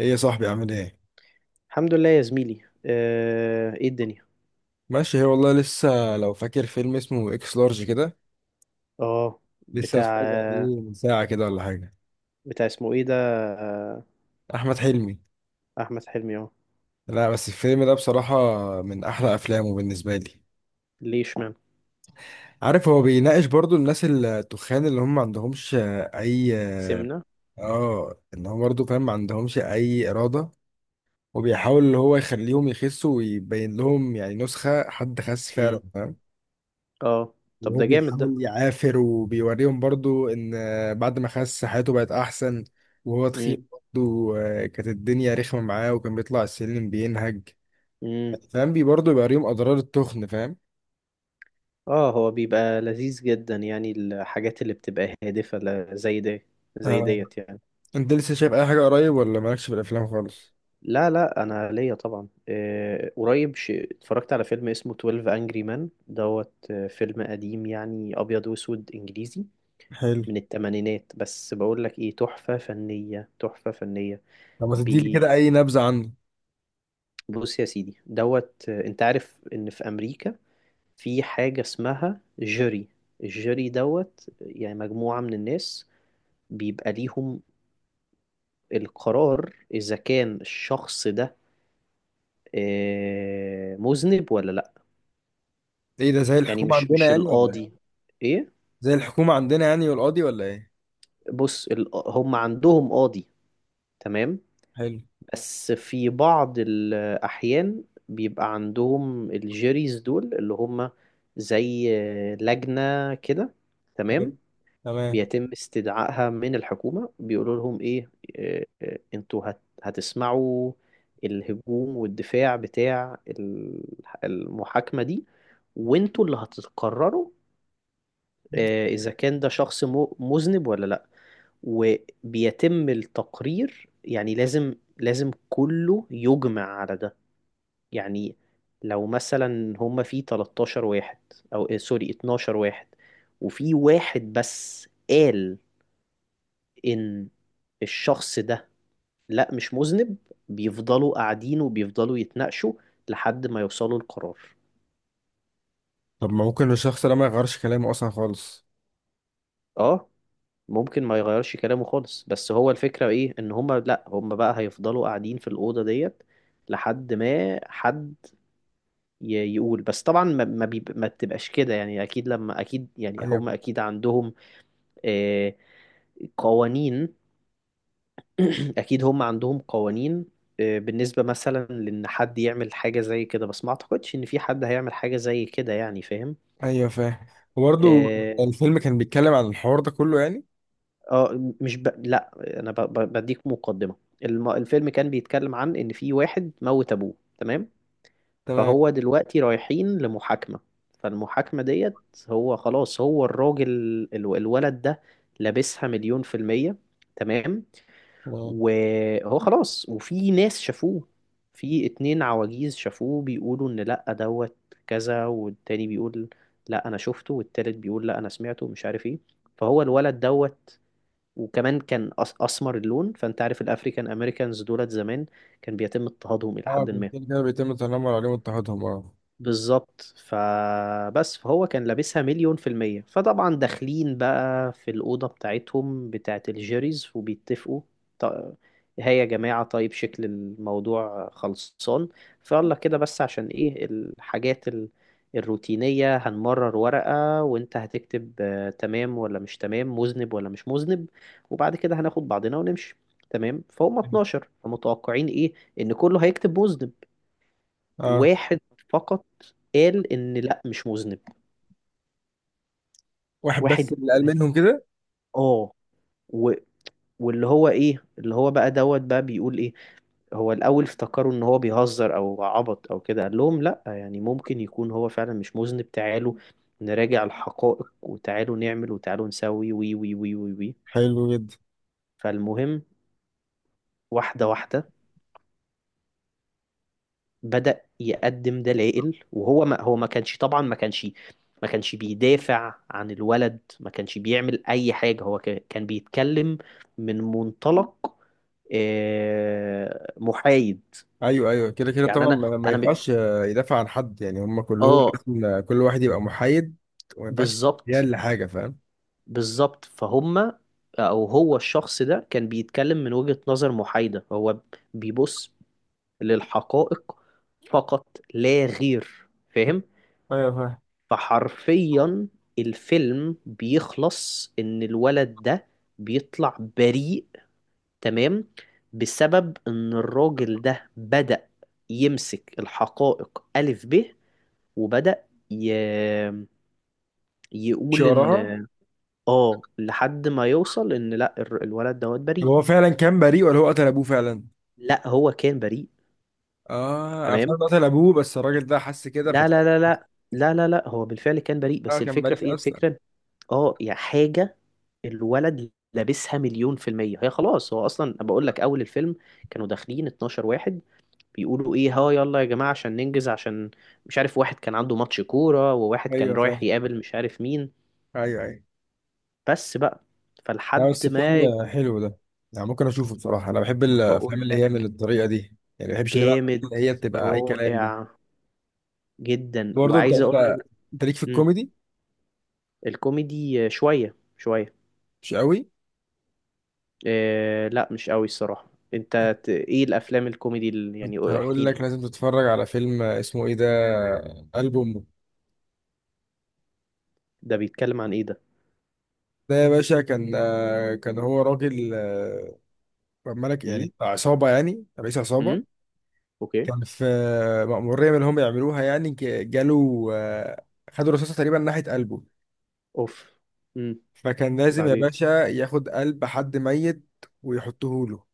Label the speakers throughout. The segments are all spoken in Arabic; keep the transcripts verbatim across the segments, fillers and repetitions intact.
Speaker 1: ايه يا صاحبي، عامل ايه؟
Speaker 2: الحمد لله يا زميلي. آه، ايه الدنيا؟
Speaker 1: ماشي هي والله. لسه، لو فاكر فيلم اسمه اكس لارج كده؟
Speaker 2: اه.
Speaker 1: لسه
Speaker 2: بتاع
Speaker 1: هتفرج
Speaker 2: آه،
Speaker 1: عليه من ساعة كده ولا حاجة؟
Speaker 2: بتاع اسمه ايه ده؟ آه،
Speaker 1: احمد حلمي.
Speaker 2: احمد حلمي. اه،
Speaker 1: لا بس الفيلم ده بصراحة من احلى افلامه بالنسبة لي.
Speaker 2: ليه؟ اشمعنى؟
Speaker 1: عارف، هو بيناقش برضو الناس التخان اللي هم ما عندهمش اي.
Speaker 2: سمنة.
Speaker 1: اه، ان هو برضو فاهم ما عندهمش اي ارادة، وبيحاول اللي هو يخليهم يخسوا ويبين لهم يعني نسخة حد خس فعلا،
Speaker 2: امم
Speaker 1: فاهم.
Speaker 2: اه. طب
Speaker 1: وهو
Speaker 2: ده جامد ده.
Speaker 1: بيحاول يعافر وبيوريهم برضو ان بعد ما خس حياته بقت احسن، وهو
Speaker 2: امم
Speaker 1: تخين برضو آه، كانت الدنيا رخمة معاه وكان بيطلع السلم بينهج.
Speaker 2: امم
Speaker 1: فاهم، بي برضو بيوريهم اضرار التخن، فاهم.
Speaker 2: اه. هو بيبقى لذيذ جدا، يعني الحاجات اللي بتبقى هادفة ل- زي دي، زي
Speaker 1: آه.
Speaker 2: ديت يعني.
Speaker 1: انت لسه شايف اي حاجة قريب ولا مالكش في الافلام خالص؟
Speaker 2: لا لا، انا ليا طبعا. آه، قريب ش- اتفرجت على فيلم اسمه twelve Angry Men دوت. آه، فيلم قديم، يعني ابيض واسود، انجليزي،
Speaker 1: حلو.
Speaker 2: من التمانينات. بس بقول لك ايه، تحفة فنية تحفة فنية.
Speaker 1: طب ما تديلي كده
Speaker 2: بي
Speaker 1: اي نبذة عنه.
Speaker 2: بص يا سيدي دوت. آه، انت عارف ان في امريكا في حاجة اسمها جوري. الجوري دوت، يعني مجموعة من الناس بيبقى ليهم القرار اذا كان الشخص ده آه، مذنب ولا لا.
Speaker 1: ايه ده، زي
Speaker 2: يعني
Speaker 1: الحكومة
Speaker 2: مش
Speaker 1: عندنا
Speaker 2: مش
Speaker 1: يعني ولا ايه؟
Speaker 2: القاضي. ايه.
Speaker 1: زي الحكومة عندنا يعني، والقاضي ولا ايه؟
Speaker 2: بص، ال- هم عندهم قاضي. تمام.
Speaker 1: حلو.
Speaker 2: بس في بعض الأحيان بيبقى عندهم الجيريز دول، اللي هم زي لجنة كده.
Speaker 1: حلو.
Speaker 2: تمام.
Speaker 1: تمام.
Speaker 2: بيتم استدعائها من الحكومة، بيقولوا لهم إيه، آه، آه، أنتوا هت- هتسمعوا الهجوم والدفاع بتاع ال- المحاكمة دي، وأنتوا اللي هتقرروا آه، إذا كان ده شخص م- مذنب ولا لأ. وبيتم التقرير، يعني لازم لازم كله يجمع على ده. يعني لو مثلا هما في 13 واحد، او إيه، سوري، 12 واحد، وفي واحد بس قال ان الشخص ده لا، مش مذنب، بيفضلوا قاعدين وبيفضلوا يتناقشوا لحد ما يوصلوا لقرار.
Speaker 1: طب ما ممكن الشخص ده ما يغيرش كلامه اصلا خالص؟
Speaker 2: اه، ممكن ما يغيرش كلامه خالص، بس هو الفكرة ايه، ان هما، لا، هما بقى هيفضلوا قاعدين في الأوضة ديت لحد ما حد ي- يقول. بس طبعا ما ما, بيب... ما بتبقاش كده، يعني اكيد، لما اكيد، يعني
Speaker 1: ايوه،
Speaker 2: هم اكيد عندهم آه، قوانين. اكيد هم عندهم قوانين. آه، بالنسبة مثلا لان حد يعمل حاجة زي كده، بس ما اعتقدش ان في حد هيعمل حاجة زي كده، يعني فاهم.
Speaker 1: ايوه، فاهم. وبرضه
Speaker 2: اه.
Speaker 1: الفيلم كان بيتكلم عن الحوار ده كله يعني؟
Speaker 2: آه، مش ب... لا، انا ب... ب... بديك مقدمة. الم... الفيلم كان بيتكلم عن ان في واحد موت ابوه. تمام.
Speaker 1: تمام.
Speaker 2: فهو دلوقتي رايحين لمحاكمة. فالمحاكمة ديت، هو خلاص، هو الراجل ال- الولد ده لابسها مليون في المية. تمام.
Speaker 1: تمام.
Speaker 2: وهو خلاص، وفي ناس شافوه. في اتنين عواجيز شافوه بيقولوا ان لأ دوت. كذا، والتاني بيقول لأ انا شفته، والتالت بيقول لأ انا سمعته، مش عارف ايه. فهو الولد دوت، وكمان كان أس- اسمر اللون، فانت عارف الافريكان امريكانز دولت زمان كان بيتم اضطهادهم الى
Speaker 1: اه،
Speaker 2: حد
Speaker 1: كان
Speaker 2: ما.
Speaker 1: كده كده بيتم التنمر عليهم واضطهادهم، اه.
Speaker 2: بالظبط. فبس، فهو كان لابسها مليون في المية، فطبعا داخلين بقى في الأوضة بتاعتهم بتاعة الجيريز وبيتفقوا. ط- هيا يا جماعة، طيب، شكل الموضوع خلصان، فيلا كده. بس عشان ايه الحاجات ال- الروتينية، هنمرر ورقة وانت هتكتب آه، تمام ولا مش تمام، مذنب ولا مش مذنب، وبعد كده هناخد بعضنا ونمشي. تمام. فهم اتناشر، فمتوقعين ايه، ان كله هيكتب مذنب.
Speaker 1: اه.
Speaker 2: واحد فقط قال ان لا، مش مذنب.
Speaker 1: واحد
Speaker 2: واحد
Speaker 1: بس اللي قال
Speaker 2: بس،
Speaker 1: منهم كده؟
Speaker 2: اه. و... واللي هو ايه، اللي هو بقى دوت بقى بيقول ايه. هو الاول افتكروا ان هو بيهزر او عبط او كده. قال لهم لا، يعني ممكن يكون هو فعلا مش مذنب، تعالوا نراجع الحقائق، وتعالوا نعمل، وتعالوا نسوي، وي وي وي وي وي.
Speaker 1: حلو جدا.
Speaker 2: فالمهم، واحدة واحدة، بدأ يقدم دلائل. وهو ما هو ما كانش طبعا ما كانش ما كانش بيدافع عن الولد، ما كانش بيعمل أي حاجة. هو كان كان بيتكلم من منطلق آه، محايد.
Speaker 1: ايوه، ايوه، كده كده
Speaker 2: يعني
Speaker 1: طبعا،
Speaker 2: أنا
Speaker 1: ما ما
Speaker 2: أنا م-
Speaker 1: ينفعش آه، يدافع عن حد، يعني هم كلهم
Speaker 2: آه
Speaker 1: لازم، آه، كل واحد يبقى محايد. وما ينفعش يديها
Speaker 2: بالظبط.
Speaker 1: لحاجه، فاهم.
Speaker 2: بالظبط، فهم. أو هو الشخص ده كان بيتكلم من وجهة نظر محايدة، هو بيبص للحقائق فقط لا غير، فاهم.
Speaker 1: ايوه، فاهم.
Speaker 2: فحرفيا الفيلم بيخلص ان الولد ده بيطلع بريء. تمام. بسبب ان الراجل ده بدأ يمسك الحقائق ألف ب، وبدأ ي...
Speaker 1: مش
Speaker 2: يقول ان،
Speaker 1: وراها.
Speaker 2: اه، لحد ما يوصل ان لا، الر- الولد دوت
Speaker 1: طب
Speaker 2: بريء.
Speaker 1: هو فعلا كان بريء ولا هو قتل ابوه فعلا؟
Speaker 2: لا، هو كان بريء.
Speaker 1: اه، انا
Speaker 2: تمام.
Speaker 1: فعلا قتل ابوه بس الراجل ده حس كده،
Speaker 2: لا
Speaker 1: فتح.
Speaker 2: لا لا لا لا لا لا، هو بالفعل كان بريء. بس
Speaker 1: كان
Speaker 2: الفكرة في ايه،
Speaker 1: بريء اصلا؟
Speaker 2: الفكرة، اه، يا حاجة، الولد لابسها مليون في المية. هي خلاص، هو أصلا بقول لك، أول الفيلم كانوا داخلين 12 واحد، بيقولوا إيه، ها يلا يا جماعة عشان ننجز، عشان مش عارف، واحد كان عنده ماتش كورة، وواحد كان
Speaker 1: ايوه،
Speaker 2: رايح
Speaker 1: فاهم.
Speaker 2: يقابل مش عارف مين،
Speaker 1: ايوه، ايوه.
Speaker 2: بس بقى،
Speaker 1: لا
Speaker 2: فلحد
Speaker 1: بس
Speaker 2: ما.
Speaker 1: فيلم حلو ده، يعني ممكن اشوفه بصراحه. انا بحب الافلام
Speaker 2: بقول
Speaker 1: اللي هي من
Speaker 2: لك،
Speaker 1: الطريقه دي، يعني ما بحبش اللي بقى اللي
Speaker 2: جامد،
Speaker 1: هي بتبقى اي كلام دي.
Speaker 2: رائع جدا.
Speaker 1: برضه انت
Speaker 2: وعايز
Speaker 1: انت
Speaker 2: أقول لك،
Speaker 1: انت ليك في
Speaker 2: مم،
Speaker 1: الكوميدي؟
Speaker 2: الكوميدي شوية شوية.
Speaker 1: مش قوي.
Speaker 2: إيه لا، مش قوي الصراحة. أنت ت- إيه الأفلام الكوميدي اللي-
Speaker 1: كنت
Speaker 2: يعني احكي
Speaker 1: هقول
Speaker 2: لي.
Speaker 1: لك لازم تتفرج على فيلم اسمه ايه ده، قلب امه.
Speaker 2: ده بيتكلم عن إيه ده؟
Speaker 1: ده يا باشا كان آه، كان هو راجل آه، ملك
Speaker 2: مم؟
Speaker 1: يعني عصابه، يعني رئيس عصابه.
Speaker 2: مم؟ اوكي.
Speaker 1: كان في آه، مأمورية من اللي هم يعملوها، يعني ك- جاله آه، خدوا رصاصة تقريبا ناحية قلبه.
Speaker 2: اوف. امم
Speaker 1: فكان لازم يا
Speaker 2: بعدين.
Speaker 1: باشا ياخد قلب حد ميت ويحطه له.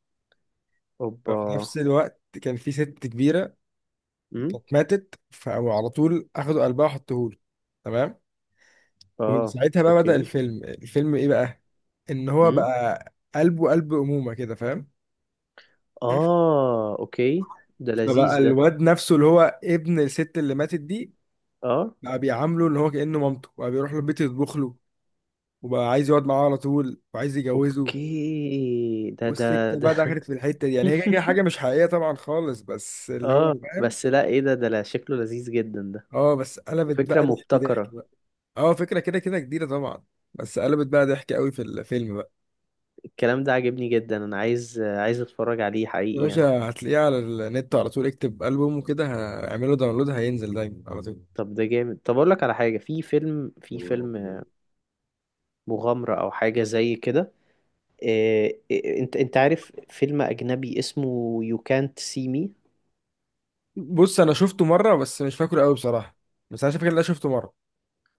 Speaker 2: اوبا.
Speaker 1: ففي نفس الوقت كان في ست كبيرة
Speaker 2: امم
Speaker 1: كانت ماتت، فعلى طول أخدوا قلبها وحطوه له. تمام. ومن
Speaker 2: اه.
Speaker 1: ساعتها بقى بدأ
Speaker 2: اوكي.
Speaker 1: الفيلم. الفيلم إيه بقى؟ إن هو
Speaker 2: امم
Speaker 1: بقى قلبه قلب أمومة كده، فاهم؟
Speaker 2: اه. اوكي، ده
Speaker 1: فبقى
Speaker 2: لذيذ ده.
Speaker 1: الواد نفسه اللي هو ابن الست اللي ماتت دي
Speaker 2: اه.
Speaker 1: بقى بيعامله إن هو كأنه مامته، بقى بيروح له البيت يطبخ له، وبقى عايز يقعد معاه على طول وعايز يجوزه.
Speaker 2: اوكي، ده ده
Speaker 1: والسكه
Speaker 2: ده.
Speaker 1: بقى دخلت في الحته دي، يعني هي كده حاجه مش حقيقيه طبعا خالص، بس اللي هو
Speaker 2: اه
Speaker 1: فاهم.
Speaker 2: بس لا، ايه ده، ده لا، شكله لذيذ جدا ده،
Speaker 1: اه، بس قلبت
Speaker 2: وفكرة
Speaker 1: بقى ضحك ضحك
Speaker 2: مبتكرة.
Speaker 1: بقى. اه، فكره كده كده جديده طبعا. بس قلبت بقى ضحك قوي في الفيلم بقى.
Speaker 2: الكلام ده عاجبني جدا، انا عايز عايز اتفرج عليه
Speaker 1: يا
Speaker 2: حقيقي يعني.
Speaker 1: باشا هتلاقيه على النت على طول، اكتب البوم وكده، هعمله داونلود هينزل دايما على طول.
Speaker 2: طب ده جامد، طب اقول لك على حاجة. في فيلم في فيلم مغامرة او حاجة زي كده. إيه إيه انت انت عارف فيلم اجنبي اسمه You Can't See Me.
Speaker 1: بص، انا شفته مره بس مش فاكره قوي بصراحه، بس انا فاكر ان انا شفته مره.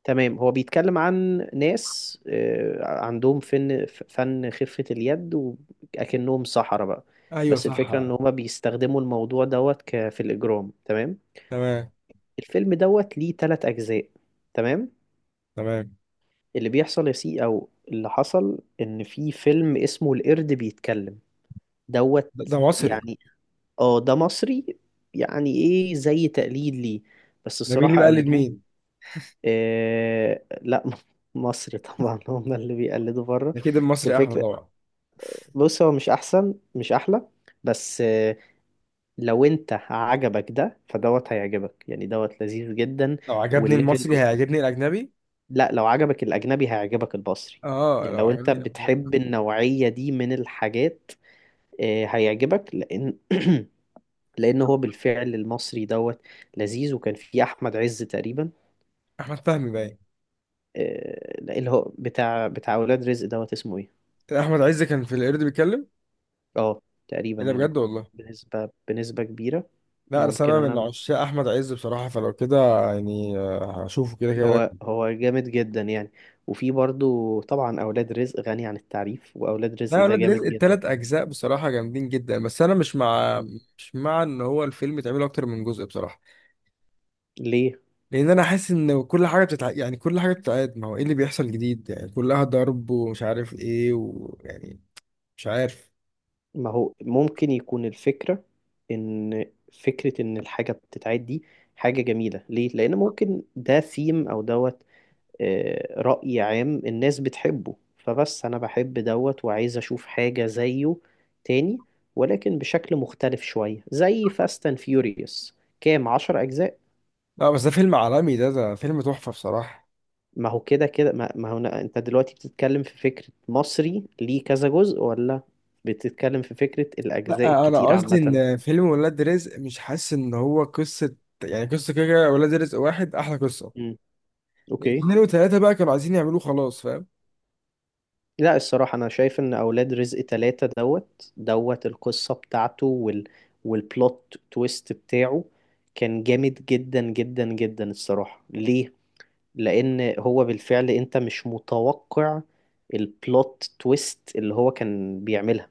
Speaker 2: تمام، هو بيتكلم عن ناس آه، عندهم فن، فن خفة اليد، وأكنهم سحرة بقى.
Speaker 1: ايوه،
Speaker 2: بس الفكرة إن
Speaker 1: صح.
Speaker 2: هما بيستخدموا الموضوع دوت ك- في الإجرام. تمام.
Speaker 1: تمام.
Speaker 2: الفيلم دوت ليه تلات أجزاء. تمام.
Speaker 1: تمام.
Speaker 2: اللي بيحصل يا سي أو اللي حصل، إن في فيلم اسمه القرد بيتكلم دوت.
Speaker 1: ده, ده مصري.
Speaker 2: يعني اه ده مصري. يعني ايه، زي تقليد ليه، بس
Speaker 1: ده مين اللي
Speaker 2: الصراحة
Speaker 1: بقلد
Speaker 2: قلدوه.
Speaker 1: مين؟
Speaker 2: إيه لا، مصر طبعا هم اللي بيقلدوا بره.
Speaker 1: ده كده
Speaker 2: بس
Speaker 1: المصري احلى
Speaker 2: الفكرة،
Speaker 1: طبعا.
Speaker 2: بص هو مش أحسن، مش أحلى، بس إيه، لو أنت عجبك ده فدوت هيعجبك، يعني دوت لذيذ جدا.
Speaker 1: لو عجبني
Speaker 2: والليفل
Speaker 1: المصري
Speaker 2: ب...
Speaker 1: هيعجبني الاجنبي.
Speaker 2: لا، لو عجبك الأجنبي هيعجبك المصري.
Speaker 1: اه،
Speaker 2: يعني
Speaker 1: لو
Speaker 2: لو أنت
Speaker 1: عجبني الافلام.
Speaker 2: بتحب النوعية دي من الحاجات إيه، هيعجبك، لأن لأن هو بالفعل المصري دوت لذيذ، وكان فيه أحمد عز تقريبا.
Speaker 1: احمد فهمي باين.
Speaker 2: إيه، اللي هو بتاع بتاع أولاد رزق دوت، اسمه إيه.
Speaker 1: احمد عز كان في القرد بيتكلم؟
Speaker 2: اه تقريبا
Speaker 1: ايه ده
Speaker 2: يعني،
Speaker 1: بجد والله؟
Speaker 2: بنسبة بنسبة كبيرة.
Speaker 1: لا، انا
Speaker 2: ممكن
Speaker 1: انا من
Speaker 2: انا.
Speaker 1: عشاق احمد عز بصراحه، فلو كده يعني آه، هشوفه كده كده
Speaker 2: هو
Speaker 1: لازم.
Speaker 2: هو جامد جدا يعني. وفي برضو طبعا اولاد رزق غني عن التعريف، واولاد
Speaker 1: لا،
Speaker 2: رزق
Speaker 1: يا
Speaker 2: ده
Speaker 1: ولاد
Speaker 2: جامد
Speaker 1: رزق
Speaker 2: جدا
Speaker 1: التلات
Speaker 2: يعني.
Speaker 1: اجزاء بصراحه جامدين جدا، بس انا مش مع،
Speaker 2: م.
Speaker 1: مش مع ان هو الفيلم يتعمل اكتر من جزء بصراحه.
Speaker 2: ليه؟
Speaker 1: لان انا حاسس ان كل حاجه بتتع... يعني كل حاجه بتتعاد، ما هو ايه اللي بيحصل جديد، يعني كلها ضرب ومش عارف ايه ويعني، مش عارف.
Speaker 2: ما هو ممكن يكون الفكرة ان فكرة ان الحاجة بتتعاد دي حاجة جميلة، ليه، لان ممكن ده ثيم او دوت، آه، رأي عام الناس بتحبه، فبس أنا بحب دوت وعايز أشوف حاجة زيه تاني، ولكن بشكل مختلف شوية، زي فاست اند فيوريوس، كام عشر أجزاء.
Speaker 1: لا بس ده فيلم عالمي، ده. ده فيلم تحفه بصراحه.
Speaker 2: ما هو كده كده، ما ما هو أنا- أنت دلوقتي بتتكلم في فكرة مصري ليه كذا جزء، ولا بتتكلم في فكرة الأجزاء
Speaker 1: لا، انا
Speaker 2: الكتير
Speaker 1: قصدي
Speaker 2: عامة.
Speaker 1: ان فيلم ولاد رزق مش حاسس ان هو قصه، يعني قصه كده كده ولاد رزق واحد احلى قصه.
Speaker 2: مم. أوكي.
Speaker 1: اتنين وتلاته بقى كانوا عايزين يعملوه خلاص، فاهم.
Speaker 2: لا الصراحة أنا شايف إن أولاد رزق تلاتة دوت دوت، القصة بتاعته وال والبلوت تويست بتاعه كان جامد جدا جدا جدا الصراحة. ليه؟ لأن هو بالفعل أنت مش متوقع البلوت تويست اللي هو كان بيعملها.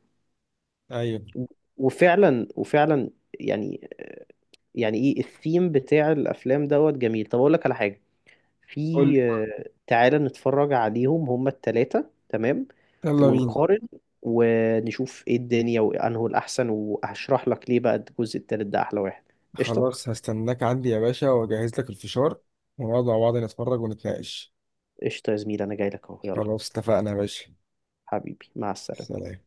Speaker 1: ايوه.
Speaker 2: وفعلا وفعلا يعني يعني إيه الثيم بتاع الأفلام دوت جميل. طب أقول لك على حاجة،
Speaker 1: قول
Speaker 2: في
Speaker 1: لي.
Speaker 2: آه، تعالى نتفرج عليهم هما التلاتة، تمام،
Speaker 1: يلا بينا.
Speaker 2: ونقارن ونشوف ايه الدنيا وانه الأحسن، وهشرح لك ليه بقى الجزء التالت ده أحلى واحد. قشطة.
Speaker 1: خلاص، هستناك عندي يا باشا، واجهز لك الفشار، ونقعد مع بعض نتفرج ونتناقش.
Speaker 2: قشطة يا زميلي، أنا جاي لك أهو، يلا.
Speaker 1: خلاص اتفقنا يا باشا.
Speaker 2: حبيبي، مع السلامة.
Speaker 1: سلام.